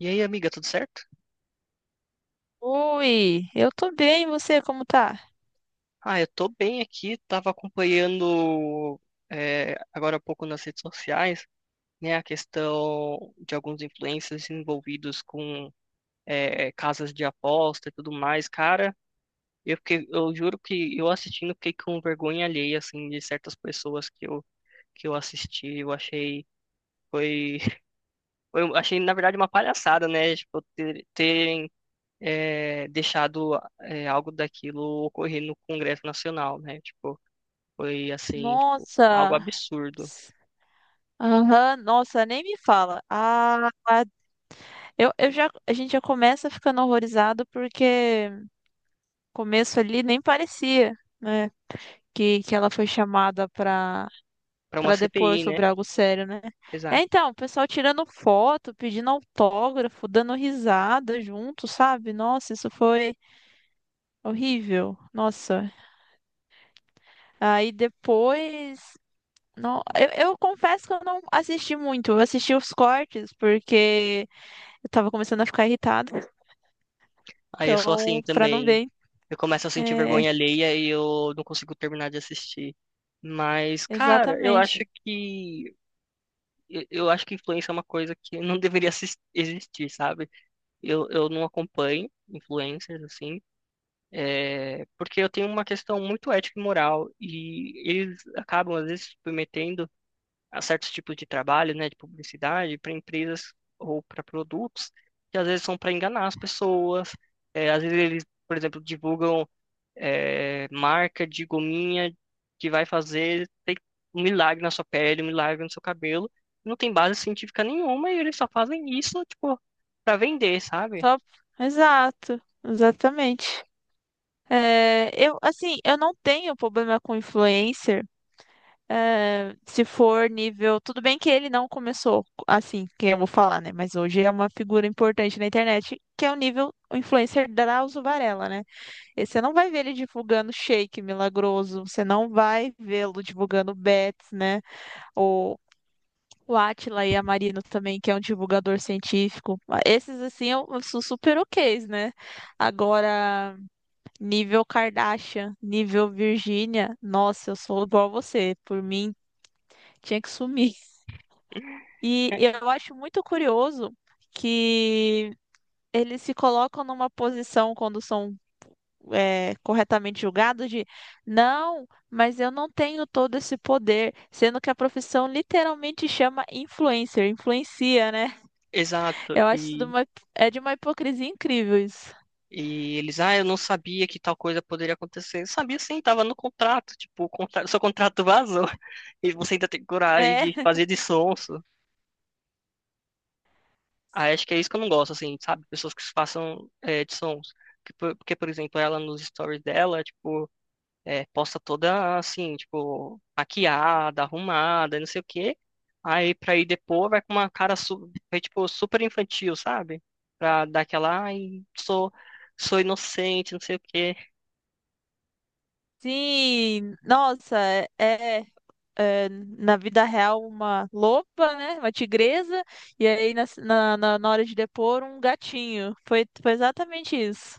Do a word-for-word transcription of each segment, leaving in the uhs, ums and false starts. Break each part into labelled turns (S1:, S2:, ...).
S1: E aí, amiga, tudo certo?
S2: Oi, eu tô bem, e você como tá?
S1: Ah, eu tô bem aqui, tava acompanhando é, agora há pouco nas redes sociais, né, a questão de alguns influencers envolvidos com é, casas de aposta e tudo mais. Cara, eu fiquei, eu juro que eu assistindo fiquei com vergonha alheia, assim, de certas pessoas que eu, que eu assisti, eu achei, foi, eu achei, na verdade, uma palhaçada, né, tipo, ter- terem é, deixado é, algo daquilo ocorrer no Congresso Nacional, né, tipo, foi assim, tipo, algo
S2: Nossa,
S1: absurdo
S2: aham, nossa, nem me fala. Ah, ah, eu, eu já, a gente já começa ficando horrorizado porque começo ali nem parecia, né, que, que ela foi chamada pra,
S1: pra uma
S2: pra depor
S1: C P I, né?
S2: sobre algo sério, né? É,
S1: Exato.
S2: então, o pessoal tirando foto, pedindo autógrafo, dando risada junto, sabe? Nossa, isso foi horrível, nossa. Aí depois. Não, eu, eu confesso que eu não assisti muito. Eu assisti os cortes porque eu tava começando a ficar irritada.
S1: Aí eu sou assim
S2: Então, pra não
S1: também.
S2: ver.
S1: Eu começo a sentir
S2: É,
S1: vergonha alheia e eu não consigo terminar de assistir. Mas, cara, eu acho
S2: exatamente.
S1: que eu, eu acho que influência é uma coisa que não deveria assis- existir, sabe? Eu, eu não acompanho influencers assim, é, porque eu tenho uma questão muito ética e moral e eles acabam às vezes se submetendo a certos tipos de trabalho, né, de publicidade, para empresas ou para produtos, que às vezes são para enganar as pessoas. É, às vezes eles, por exemplo, divulgam é, marca de gominha que vai fazer tem um milagre na sua pele, um milagre no seu cabelo. Não tem base científica nenhuma e eles só fazem isso, tipo, para vender, sabe?
S2: Só- Exato, exatamente. É, eu, assim, eu não tenho problema com influencer. É, se for nível. Tudo bem que ele não começou assim, que eu vou falar, né? Mas hoje é uma figura importante na internet, que é o nível influencer Drauzio Varella, né? E você não vai ver ele divulgando shake milagroso, você não vai vê-lo divulgando bets, né? Ou o Átila e a Marino também, que é um divulgador científico. Esses, assim, eu, eu sou super ok's, né? Agora, nível Kardashian, nível Virgínia, nossa, eu sou igual a você. Por mim, tinha que sumir. E
S1: É,
S2: eu acho muito curioso que eles se colocam numa posição quando são é, corretamente julgado de não, mas eu não tenho todo esse poder, sendo que a profissão literalmente chama influencer, influencia, né?
S1: exato.
S2: Eu acho isso de
S1: E
S2: uma, é de uma hipocrisia incrível isso.
S1: e eles, ah, eu não sabia que tal coisa poderia acontecer. Eu sabia sim, tava no contrato. Tipo, o contrato, seu contrato vazou. E você ainda tem coragem
S2: É,
S1: de fazer de sonso. Ah, acho que é isso que eu não gosto, assim, sabe? Pessoas que se façam é, de sons. Que por- Porque, por exemplo, ela nos stories dela, tipo, é, posta toda assim, tipo, maquiada, arrumada, não sei o quê. Aí pra ir depois vai com uma cara, su vai, tipo, super infantil, sabe? Pra dar aquela, ai, sou, sou inocente, não sei o quê.
S2: sim, nossa, é, é, na vida real uma loba, né? Uma tigresa, e aí na, na, na na hora de depor um gatinho. Foi, foi exatamente isso.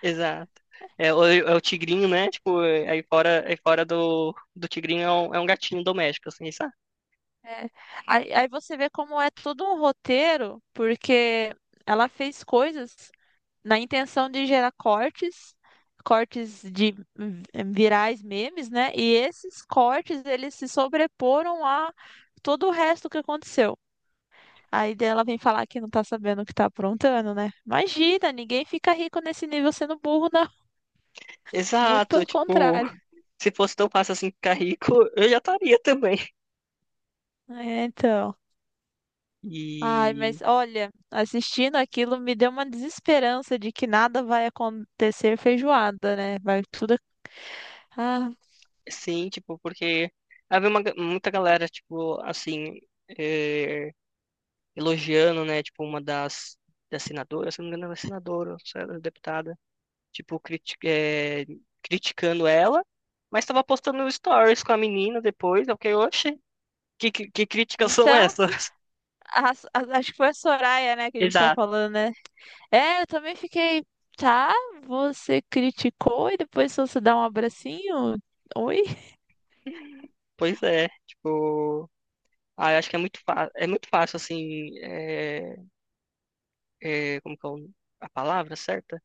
S1: Exato. É, o, é o tigrinho, né? Tipo, é- aí fora, aí fora do, do tigrinho é um, é um gatinho doméstico, assim, sabe?
S2: É. Aí, aí você vê como é todo um roteiro, porque ela fez coisas na intenção de gerar cortes, cortes de hum, virais memes, né? E esses cortes, eles se sobreporam a todo o resto que aconteceu. Aí daí ela vem falar que não tá sabendo o que tá aprontando, né? Imagina, ninguém fica rico nesse nível sendo burro, não. Muito
S1: Exato.
S2: pelo
S1: Tipo,
S2: contrário.
S1: se fosse tão fácil assim ficar rico, eu já estaria também.
S2: É, então. Ai,
S1: E
S2: mas olha, assistindo aquilo me deu uma desesperança de que nada vai acontecer feijoada, né? Vai tudo. Ah,
S1: sim, tipo, porque havia uma, ga- muita galera, tipo, assim, eh, elogiando, né? Tipo, uma das, das senadoras, se não me engano, ela é senadora, ou se ela é deputada. Tipo, criti é, criticando ela, mas tava postando stories com a menina depois. Eu fiquei, oxe, que, que, que críticas são
S2: então,
S1: essas?
S2: a- a- acho que foi a Soraya, né, que a gente tá
S1: Exato,
S2: falando, né? É, eu também fiquei, tá? Você criticou e depois só você dá um abracinho? Oi?
S1: pois é, tipo, ah, eu acho que é muito, fa- é muito fácil, assim, é, é, como que é o- a palavra certa?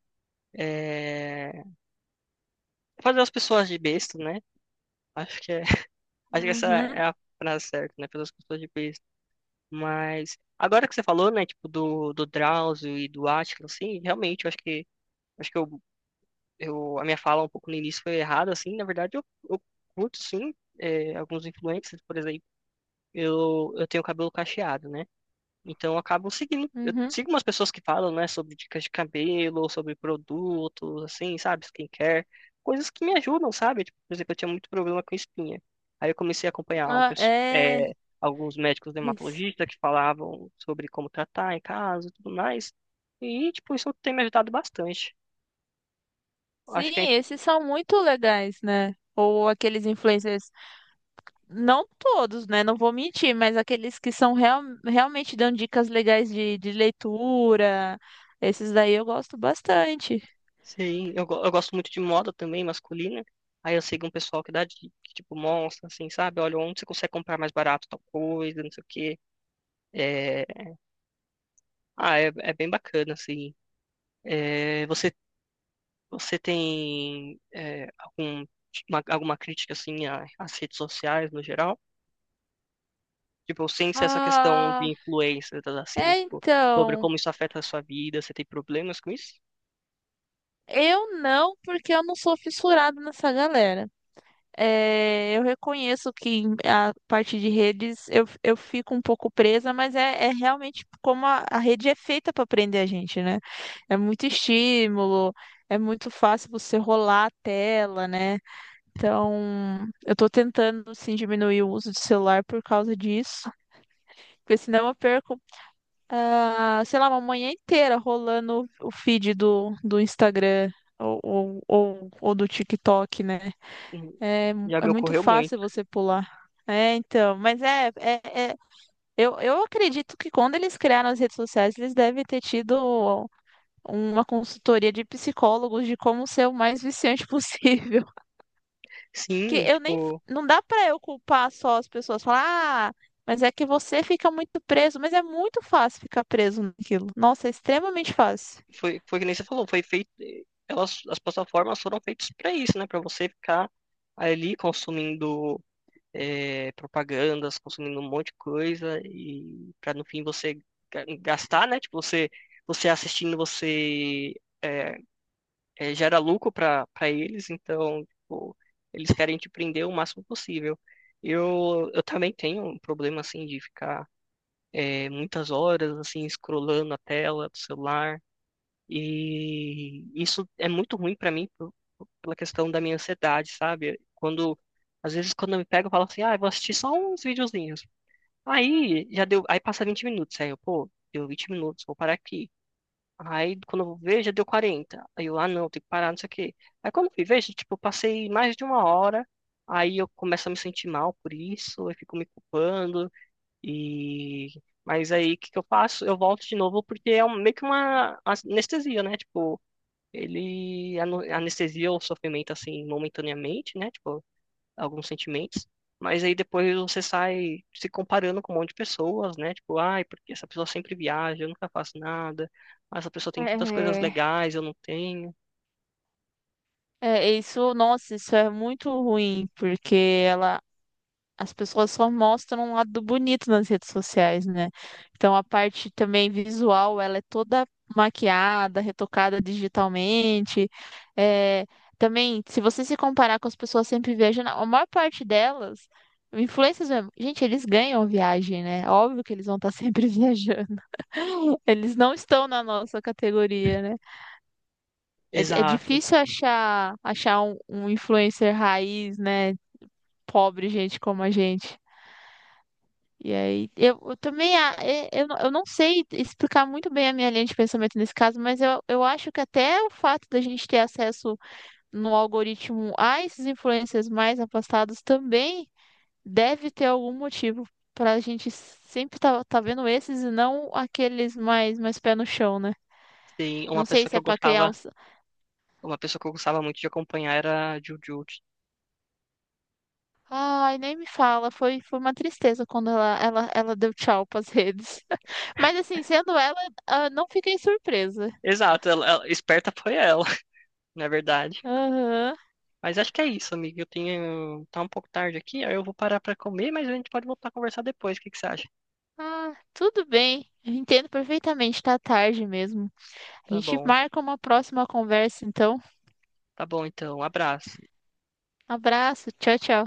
S1: É, fazer as pessoas de besta, né? Acho que é, acho que essa é
S2: Uhum,
S1: a frase certa, né? Fazer as pessoas de besta. Mas, agora que você falou, né, tipo, do, do Drauzio e do Átila, assim, realmente, eu acho que. Acho que eu eu, a minha fala um pouco no início foi errada, assim, na verdade eu, eu curto, sim, é, alguns influencers, por exemplo, eu, eu tenho cabelo cacheado, né? Então eu acabo seguindo, eu
S2: uhum.
S1: sigo umas pessoas que falam, né, sobre dicas de cabelo, sobre produtos, assim, sabe, skincare, coisas que me ajudam, sabe? Tipo, por exemplo, eu tinha muito problema com espinha. Aí eu comecei a acompanhar um,
S2: Ah,
S1: pesso-
S2: é.
S1: é, alguns médicos dermatologistas que falavam sobre como tratar em casa e tudo mais. E, tipo, isso tem me ajudado bastante. Acho
S2: Sim,
S1: que é
S2: esses são muito legais, né? Ou aqueles influencers. Não todos, né? Não vou mentir, mas aqueles que são real, realmente dão dicas legais de, de leitura, esses daí eu gosto bastante.
S1: sim, eu, go- eu gosto muito de moda também, masculina. Aí eu sigo um pessoal que dá dica, que, tipo, mostra, assim, sabe? Olha, onde você consegue comprar mais barato tal coisa, não sei o quê. É... Ah, é, é bem bacana, assim. É, você, você tem é, algum, uma- alguma crítica, assim, a- às redes sociais no geral? Tipo, sem ser essa questão de
S2: Ah,
S1: influências, assim,
S2: é
S1: tipo, sobre
S2: então.
S1: como isso afeta a sua vida, você tem problemas com isso?
S2: Eu não, porque eu não sou fissurada nessa galera. É, eu reconheço que em- a parte de redes eu, eu fico um pouco presa, mas é, é realmente como a, a rede é feita para prender a gente, né? É muito estímulo, é muito fácil você rolar a tela, né? Então, eu tô tentando, assim, diminuir o uso de celular por causa disso, porque senão eu perco, ah, sei lá, uma manhã inteira rolando o feed do, do Instagram ou, ou, ou, ou do TikTok, né?
S1: Hum,
S2: É,
S1: já
S2: é
S1: me
S2: muito
S1: ocorreu muito.
S2: fácil você pular. É, então, mas é, é, é- eu, eu acredito que quando eles criaram as redes sociais, eles devem ter tido uma consultoria de psicólogos de como ser o mais viciante possível. Que
S1: Sim,
S2: eu nem.
S1: tipo.
S2: Não dá pra eu culpar só as pessoas, falar, ah, mas é que você fica muito preso. Mas é muito fácil ficar preso naquilo. Nossa, é extremamente fácil.
S1: Foi, foi que nem você falou, foi feito. Elas, as plataformas foram feitas para isso, né? Para você ficar ali consumindo é, propagandas, consumindo um monte de coisa e para no fim você ga- gastar, né? Tipo, você, você assistindo, você é, é, gera lucro para para eles, então, tipo, eles querem te prender o máximo possível. Eu, eu também tenho um problema, assim, de ficar é, muitas horas, assim, scrollando a tela do celular. E isso é muito ruim pra mim por- pela questão da minha ansiedade, sabe? Quando, às vezes, quando eu me pego, eu falo assim, ah, eu vou assistir só uns videozinhos. Aí, já deu, aí passa vinte minutos, aí eu, pô, deu vinte minutos, vou parar aqui. Aí, quando eu vou ver, já deu quarenta. Aí eu, ah, não, tem que parar, não sei o quê. Aí, quando eu fui ver, já, tipo, eu passei mais de uma hora, aí eu começo a me sentir mal por isso, eu fico me culpando, e... Mas aí, o que que eu faço? Eu volto de novo, porque é um- meio que uma anestesia, né? Tipo, ele ano- anestesia o sofrimento assim momentaneamente, né? Tipo, alguns sentimentos. Mas aí depois você sai se comparando com um monte de pessoas, né? Tipo, ai, porque essa pessoa sempre viaja, eu nunca faço nada. Ah, essa pessoa tem tantas coisas
S2: É,
S1: legais, eu não tenho.
S2: é, isso, nossa, isso é muito ruim, porque ela, as pessoas só mostram um lado bonito nas redes sociais, né? Então a parte também visual, ela é toda maquiada, retocada digitalmente. É, também, se você se comparar com as pessoas sempre viajando, a maior parte delas, influencers mesmo, gente, eles ganham viagem, né? Óbvio que eles vão estar sempre viajando. Eles não estão na nossa categoria, né? É, é
S1: Exato.
S2: difícil achar, achar um, um influencer raiz, né? Pobre gente como a gente. E aí, eu, eu também, a- é- eu, não- eu não sei explicar muito bem a minha linha de pensamento nesse caso, mas eu, eu acho que até o fato da gente ter acesso no algoritmo a esses influencers mais afastados também deve ter algum motivo para a gente sempre tá, tá vendo esses e não aqueles mais, mais pé no chão, né?
S1: Tem uma
S2: Não sei
S1: pessoa
S2: se
S1: que
S2: é
S1: eu
S2: para criar
S1: gostava,
S2: uns.
S1: uma pessoa que eu gostava muito de acompanhar era a Jujutsu.
S2: Ai, nem me fala, foi, foi uma tristeza quando ela, ela, ela deu tchau pras redes. Mas assim, sendo ela, ah, não fiquei surpresa.
S1: Exato, ela, ela- esperta foi ela, na verdade.
S2: Aham.
S1: Mas acho que é isso, amigo. Eu tenho, tá um pouco tarde aqui, aí eu vou parar pra comer, mas a gente pode voltar a conversar depois. O que que você acha?
S2: Ah, tudo bem. Eu entendo perfeitamente. Tá tarde mesmo. A
S1: Tá
S2: gente
S1: bom.
S2: marca uma próxima conversa, então.
S1: Tá bom, então. Um abraço.
S2: Abraço. Tchau, tchau.